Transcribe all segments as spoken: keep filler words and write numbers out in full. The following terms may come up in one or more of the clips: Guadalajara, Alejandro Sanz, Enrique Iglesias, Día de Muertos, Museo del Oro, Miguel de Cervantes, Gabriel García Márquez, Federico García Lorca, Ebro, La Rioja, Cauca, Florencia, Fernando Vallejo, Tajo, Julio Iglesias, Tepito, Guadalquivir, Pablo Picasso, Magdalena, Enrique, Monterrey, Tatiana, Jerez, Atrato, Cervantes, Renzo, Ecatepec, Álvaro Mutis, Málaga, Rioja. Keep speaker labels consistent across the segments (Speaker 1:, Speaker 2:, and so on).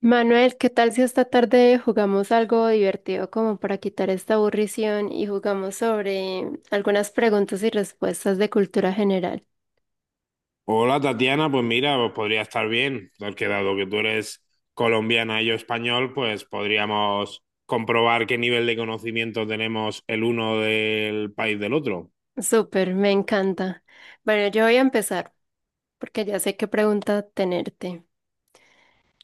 Speaker 1: Manuel, ¿qué tal si esta tarde jugamos algo divertido como para quitar esta aburrición y jugamos sobre algunas preguntas y respuestas de cultura general?
Speaker 2: Hola Tatiana, pues mira, pues podría estar bien, porque dado que tú eres colombiana y yo español, pues podríamos comprobar qué nivel de conocimiento tenemos el uno del país del otro.
Speaker 1: Súper, me encanta. Bueno, yo voy a empezar porque ya sé qué pregunta tenerte.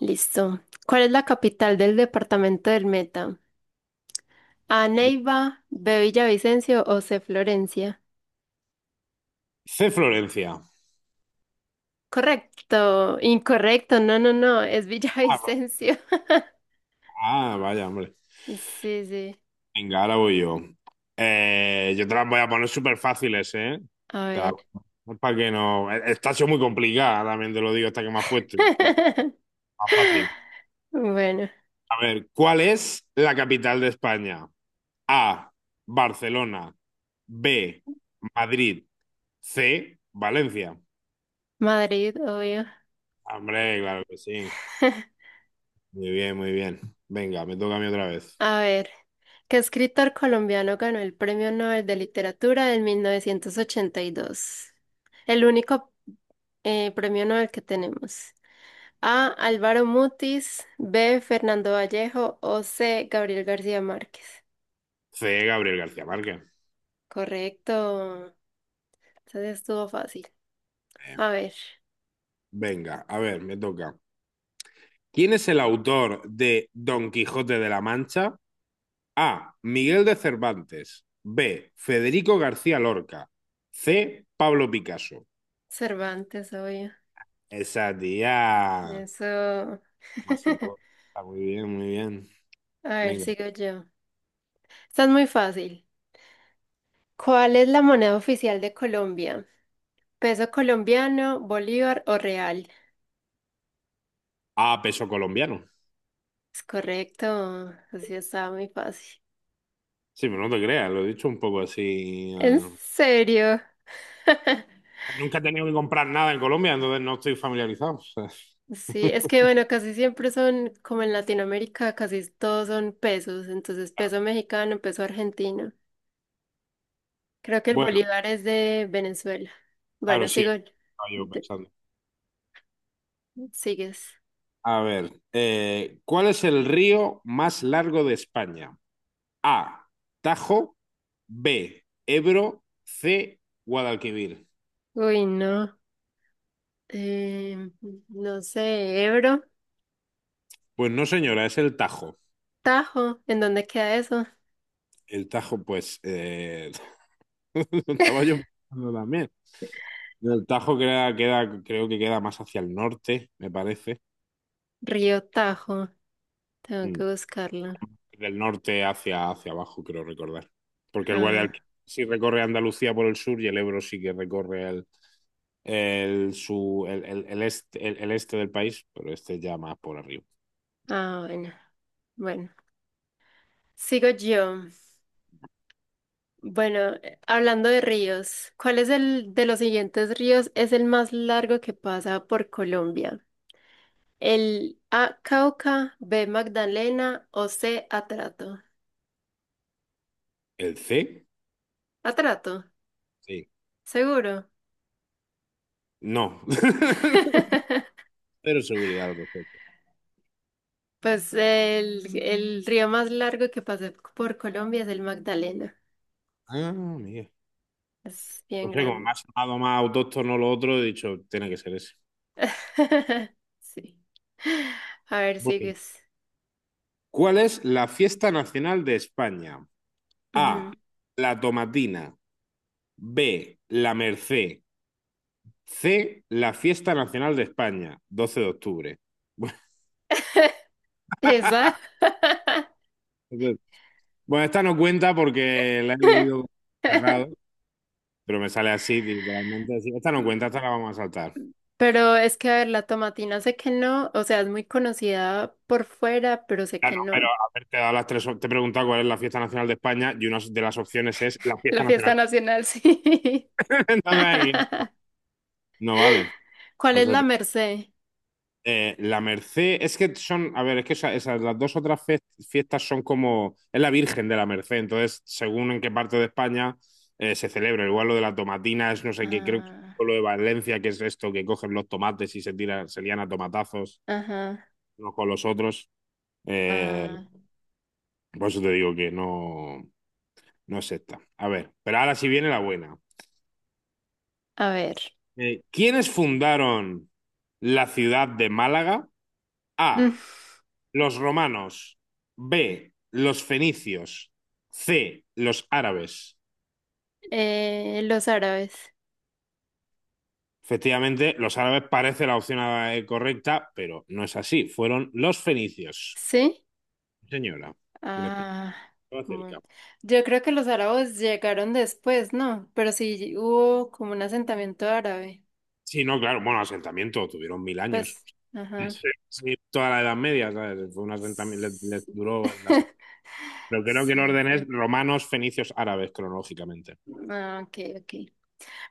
Speaker 1: Listo. ¿Cuál es la capital del departamento del Meta? ¿A Neiva, B Villavicencio o C Florencia?
Speaker 2: C, Florencia.
Speaker 1: Correcto, incorrecto, no, no, no, es
Speaker 2: Ah, va-
Speaker 1: Villavicencio.
Speaker 2: ah, vaya, hombre.
Speaker 1: Sí, sí,
Speaker 2: Venga, ahora voy yo. Eh, yo te las voy a poner súper fáciles, ¿eh?
Speaker 1: a ver.
Speaker 2: Para que no... eh, esta ha sido muy complicada, también te lo digo, esta que me has puesto. Bueno, más fácil.
Speaker 1: Bueno,
Speaker 2: A ver, ¿cuál es la capital de España? A, Barcelona, B, Madrid, C, Valencia.
Speaker 1: Madrid, obvio.
Speaker 2: Hombre, claro que sí. Muy bien, muy bien. Venga, me toca a mí otra vez.
Speaker 1: A ver, ¿qué escritor colombiano ganó el Premio Nobel de Literatura en mil novecientos ochenta y dos? El único eh, premio Nobel que tenemos. A, Álvaro Mutis, B, Fernando Vallejo o C, Gabriel García Márquez.
Speaker 2: C, Gabriel García Márquez.
Speaker 1: Correcto. Entonces estuvo fácil.
Speaker 2: Eh,
Speaker 1: A ver,
Speaker 2: Venga, a ver, me toca. ¿Quién es el autor de Don Quijote de la Mancha? A, Miguel de Cervantes. B, Federico García Lorca. C, Pablo Picasso.
Speaker 1: Cervantes, obvio.
Speaker 2: Esa tía.
Speaker 1: Eso.
Speaker 2: Masita, está muy bien, muy bien.
Speaker 1: A ver,
Speaker 2: Venga.
Speaker 1: sigo yo. Está muy fácil. ¿Cuál es la moneda oficial de Colombia? ¿Peso colombiano, bolívar o real?
Speaker 2: A, peso colombiano.
Speaker 1: Es correcto. Así estaba muy fácil.
Speaker 2: Sí, pero no te creas, lo he dicho un poco así.
Speaker 1: ¿En
Speaker 2: eh,
Speaker 1: serio?
Speaker 2: Nunca he tenido que comprar nada en Colombia, entonces no estoy familiarizado. O sea,
Speaker 1: Sí, es que bueno, casi siempre son, como en Latinoamérica, casi todos son pesos. Entonces,
Speaker 2: claro.
Speaker 1: peso mexicano, peso argentino. Creo que el
Speaker 2: Bueno,
Speaker 1: bolívar es de Venezuela. Bueno,
Speaker 2: claro, sí,
Speaker 1: sigo.
Speaker 2: estaba yo
Speaker 1: de-
Speaker 2: pensando.
Speaker 1: Sigues.
Speaker 2: A ver, eh, ¿cuál es el río más largo de España? A, Tajo, B, Ebro, C, Guadalquivir.
Speaker 1: Uy, no. Eh, no sé, Ebro,
Speaker 2: Pues no, señora, es el Tajo.
Speaker 1: Tajo, ¿en dónde queda eso?
Speaker 2: El Tajo, pues, eh, lo estaba yo pensando también. El Tajo queda, queda- creo que queda más hacia el norte, me parece.
Speaker 1: Río Tajo, tengo que
Speaker 2: Mm.
Speaker 1: buscarlo.
Speaker 2: Del norte hacia, hacia abajo, creo recordar. Porque el
Speaker 1: Ah,
Speaker 2: Guadalquivir sí recorre Andalucía por el sur y el Ebro sí que recorre el, el, su, el, el, el este, el, el este del país, pero este ya más por arriba.
Speaker 1: ah, bueno, bueno. Sigo yo. Bueno, eh, hablando de ríos, ¿cuál es el de los siguientes ríos es el más largo que pasa por Colombia? El A, Cauca, B, Magdalena o C, Atrato.
Speaker 2: ¿El C?
Speaker 1: Atrato,
Speaker 2: Sí.
Speaker 1: seguro.
Speaker 2: No. Pero seguridad al respecto.
Speaker 1: Pues el, el río más largo que pasa por Colombia es el Magdalena.
Speaker 2: Ah, mira.
Speaker 1: Es
Speaker 2: No
Speaker 1: bien
Speaker 2: sé, como me
Speaker 1: grande.
Speaker 2: ha sonado más autóctono lo otro, he dicho, tiene que ser ese.
Speaker 1: Sí. A ver,
Speaker 2: Bueno,
Speaker 1: sigues.
Speaker 2: ¿cuál es la fiesta nacional de España? A,
Speaker 1: Ujú.
Speaker 2: la tomatina. B, la Merced. C, la Fiesta Nacional de España, doce de octubre.
Speaker 1: Esa.
Speaker 2: Bueno, entonces- bueno, esta no cuenta porque la he leído cerrado, pero me sale así, literalmente así. Esta no cuenta, esta la vamos a saltar.
Speaker 1: Pero es que, a ver, la tomatina sé que no, o sea, es muy conocida por fuera, pero sé
Speaker 2: Ah,
Speaker 1: que
Speaker 2: no, pero
Speaker 1: no.
Speaker 2: a ver, te he dado las tres, op- te he preguntado cuál es la Fiesta Nacional de España y una de las opciones es la
Speaker 1: La
Speaker 2: Fiesta
Speaker 1: fiesta
Speaker 2: Nacional.
Speaker 1: nacional, sí.
Speaker 2: Entonces ahí no vale.
Speaker 1: ¿Cuál
Speaker 2: Por
Speaker 1: es
Speaker 2: eso
Speaker 1: la Merced?
Speaker 2: Eh, la Merced, es que son, a ver, es que esa- esas, las dos otras fe- fiestas son como, es la Virgen de la Merced, entonces, según en qué parte de España eh, se celebra, igual lo de la tomatina es no sé qué, creo que
Speaker 1: Ah,
Speaker 2: es lo de Valencia, que es esto, que cogen los tomates y se tiran, se lían a tomatazos
Speaker 1: ajá,
Speaker 2: unos con los otros. Eh,
Speaker 1: ah,
Speaker 2: por eso te digo que no, no es esta. A ver, pero ahora sí viene la buena.
Speaker 1: a ver.
Speaker 2: Eh, ¿quiénes fundaron la ciudad de Málaga?
Speaker 1: Mm,
Speaker 2: A, los romanos. B, los fenicios. C, los árabes.
Speaker 1: eh, los árabes,
Speaker 2: Efectivamente, los árabes parece la opción eh, correcta, pero no es así. Fueron los fenicios.
Speaker 1: ¿sí?
Speaker 2: Sí, señora, que les pido
Speaker 1: Ah, bueno.
Speaker 2: acerca.
Speaker 1: Yo creo que los árabes llegaron después, ¿no? Pero sí hubo como un asentamiento árabe.
Speaker 2: Sí, no, claro, bueno, asentamiento, tuvieron mil años.
Speaker 1: Pues, ajá.
Speaker 2: Sí, sí, toda la Edad Media, ¿sabes? Fue un asentamiento, les, les
Speaker 1: Sí.
Speaker 2: duró. el asent- Pero creo que el
Speaker 1: Sí.
Speaker 2: orden es romanos, fenicios, árabes, cronológicamente.
Speaker 1: Ah, ok, ok.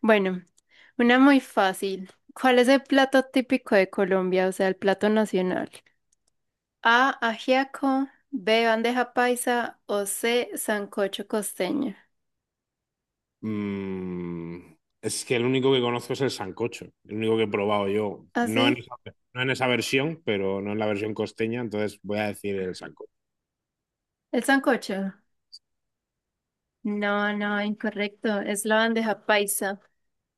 Speaker 1: Bueno, una muy fácil. ¿Cuál es el plato típico de Colombia? O sea, el plato nacional. A, ajiaco, B, bandeja paisa o C, sancocho costeño.
Speaker 2: Mm, es que el único que conozco es el sancocho, el único que he probado yo.
Speaker 1: ¿Ah,
Speaker 2: No en
Speaker 1: sí?
Speaker 2: esa, no en esa versión, pero no en la versión costeña, entonces voy a decir el sancocho.
Speaker 1: ¿El sancocho? No, no, incorrecto. Es la bandeja paisa.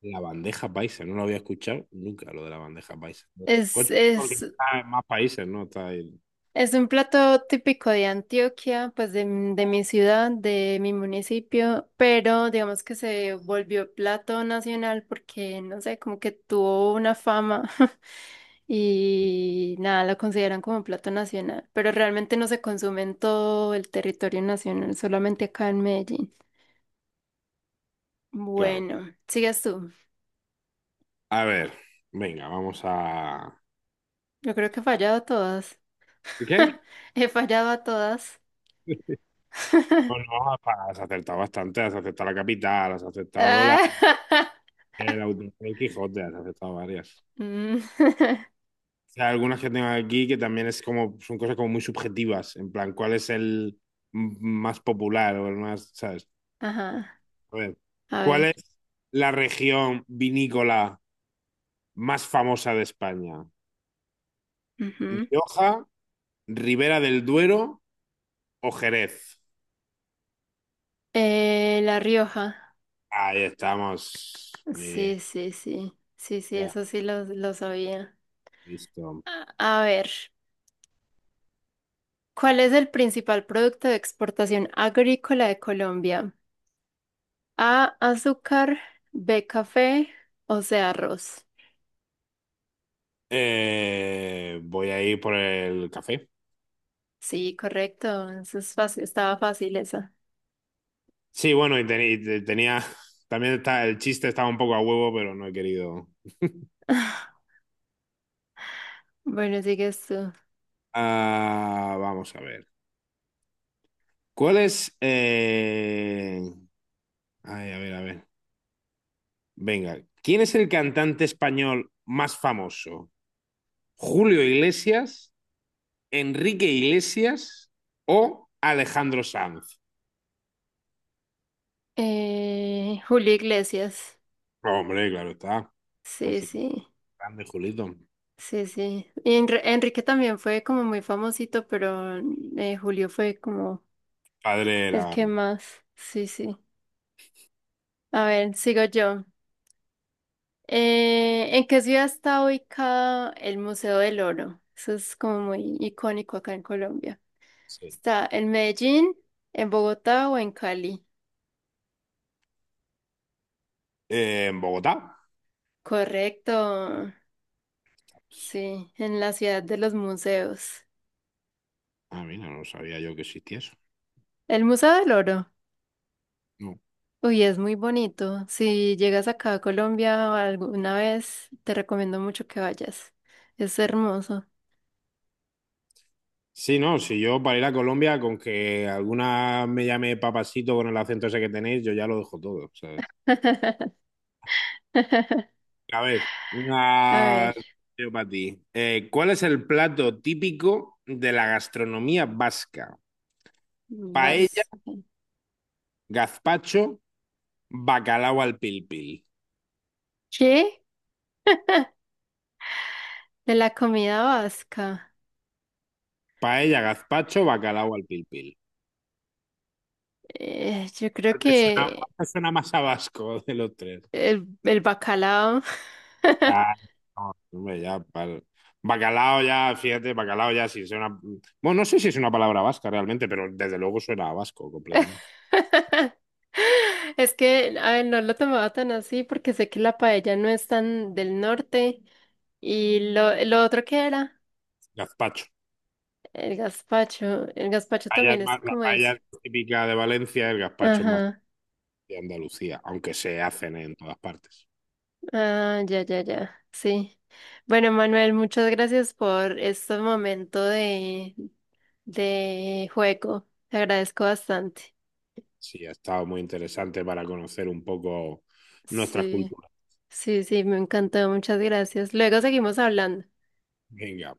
Speaker 2: La bandeja paisa, no lo había escuchado nunca lo de la bandeja paisa. El
Speaker 1: Es,
Speaker 2: sancocho es porque
Speaker 1: es,
Speaker 2: está en más países, ¿no? Está ahí.
Speaker 1: es un plato típico de Antioquia, pues de, m- de mi ciudad, de mi municipio, pero digamos que se volvió plato nacional porque, no sé, como que tuvo una fama y nada, la consideran como plato nacional, pero realmente no se consume en todo el territorio nacional, solamente acá en Medellín.
Speaker 2: Claro.
Speaker 1: Bueno, sigues tú.
Speaker 2: A ver, venga, vamos a.
Speaker 1: Yo creo que he fallado a todas.
Speaker 2: ¿Qué?
Speaker 1: He fallado a todas.
Speaker 2: Bueno, has acertado bastante, has acertado la capital, has acertado la,
Speaker 1: Ah,
Speaker 2: el autor del Quijote, has acertado varias.
Speaker 1: mm,
Speaker 2: Sea, algunas que tengo aquí que también es como, son cosas como muy subjetivas, en plan, ¿cuál es el m- más popular o el más, ¿sabes?
Speaker 1: ajá,
Speaker 2: A ver,
Speaker 1: a
Speaker 2: ¿cuál
Speaker 1: ver.
Speaker 2: es la región vinícola más famosa de España?
Speaker 1: Ujú.
Speaker 2: ¿Rioja, Ribera del Duero o Jerez?
Speaker 1: Eh, La Rioja.
Speaker 2: Ahí estamos. Muy bien,
Speaker 1: Sí, sí, sí. Sí, sí,
Speaker 2: ya,
Speaker 1: eso sí lo, lo sabía.
Speaker 2: listo.
Speaker 1: A, a ver, ¿cuál es el principal producto de exportación agrícola de Colombia? A, azúcar, B, café o C, arroz.
Speaker 2: Eh, voy a ir por el café.
Speaker 1: Sí, correcto. Eso es fácil, estaba fácil esa.
Speaker 2: Sí, bueno, y, teni- y te- tenía, también está, el chiste estaba un poco a huevo, pero no he querido.
Speaker 1: Bueno, sigues tú.
Speaker 2: Ah, vamos a ver. ¿Cuál es? eh, Ay, a ver, a ver. Venga, ¿quién es el cantante español más famoso? ¿Julio Iglesias, Enrique Iglesias o Alejandro Sanz?
Speaker 1: Eh, Julio Iglesias.
Speaker 2: Hombre, claro está. Por
Speaker 1: Sí,
Speaker 2: supuesto,
Speaker 1: sí.
Speaker 2: grande Julito.
Speaker 1: Sí, sí. Y Enri- Enrique también fue como muy famosito, pero eh, Julio fue como
Speaker 2: Padre
Speaker 1: el
Speaker 2: era,
Speaker 1: que más. Sí, sí. A ver, sigo yo. Eh, ¿en qué ciudad está ubicado el Museo del Oro? Eso es como muy icónico acá en Colombia.
Speaker 2: sí.
Speaker 1: ¿Está en Medellín, en Bogotá o en Cali?
Speaker 2: Eh, en Bogotá.
Speaker 1: Correcto. Sí, en la ciudad de los museos.
Speaker 2: Ah, mira, no sabía yo que existía eso.
Speaker 1: El Museo del Oro. Uy, es muy bonito. Si llegas acá a Colombia alguna vez, te recomiendo mucho que vayas. Es hermoso.
Speaker 2: Sí, no, si yo para ir a Colombia, con que alguna me llame papasito con el acento ese que tenéis, yo ya lo dejo todo, ¿sabes? A ver,
Speaker 1: A ver,
Speaker 2: una yo para ti. Eh, ¿cuál es el plato típico de la gastronomía vasca? Paella,
Speaker 1: vas.
Speaker 2: gazpacho, bacalao al pil pil.
Speaker 1: ¿Qué? De la comida vasca.
Speaker 2: Paella, gazpacho, bacalao al pil pil.
Speaker 1: Eh, yo creo
Speaker 2: ¿Cuál te suena, cuál
Speaker 1: que
Speaker 2: te suena más a vasco de los tres?
Speaker 1: el, el bacalao.
Speaker 2: Ah, no, hombre, ya, pal. Bacalao ya, fíjate, bacalao ya, si es una... Bueno, no sé si es una palabra vasca realmente, pero desde luego suena a vasco completamente.
Speaker 1: Es que, a ver, no lo tomaba tan así porque sé que la paella no es tan del norte. ¿Y lo, lo otro que era?
Speaker 2: Gazpacho.
Speaker 1: El gazpacho, el gazpacho
Speaker 2: Paella es
Speaker 1: también es
Speaker 2: más- la
Speaker 1: como eso.
Speaker 2: paella es típica de Valencia, el gazpacho es más
Speaker 1: Ajá,
Speaker 2: de Andalucía, aunque se hacen en todas partes.
Speaker 1: ah, ya, ya, ya, sí. Bueno, Manuel, muchas gracias por este momento de, de juego. Te agradezco bastante.
Speaker 2: Sí, ha estado muy interesante para conocer un poco nuestras
Speaker 1: Sí,
Speaker 2: culturas.
Speaker 1: sí, sí, me encantó, muchas gracias. Luego seguimos hablando.
Speaker 2: Venga.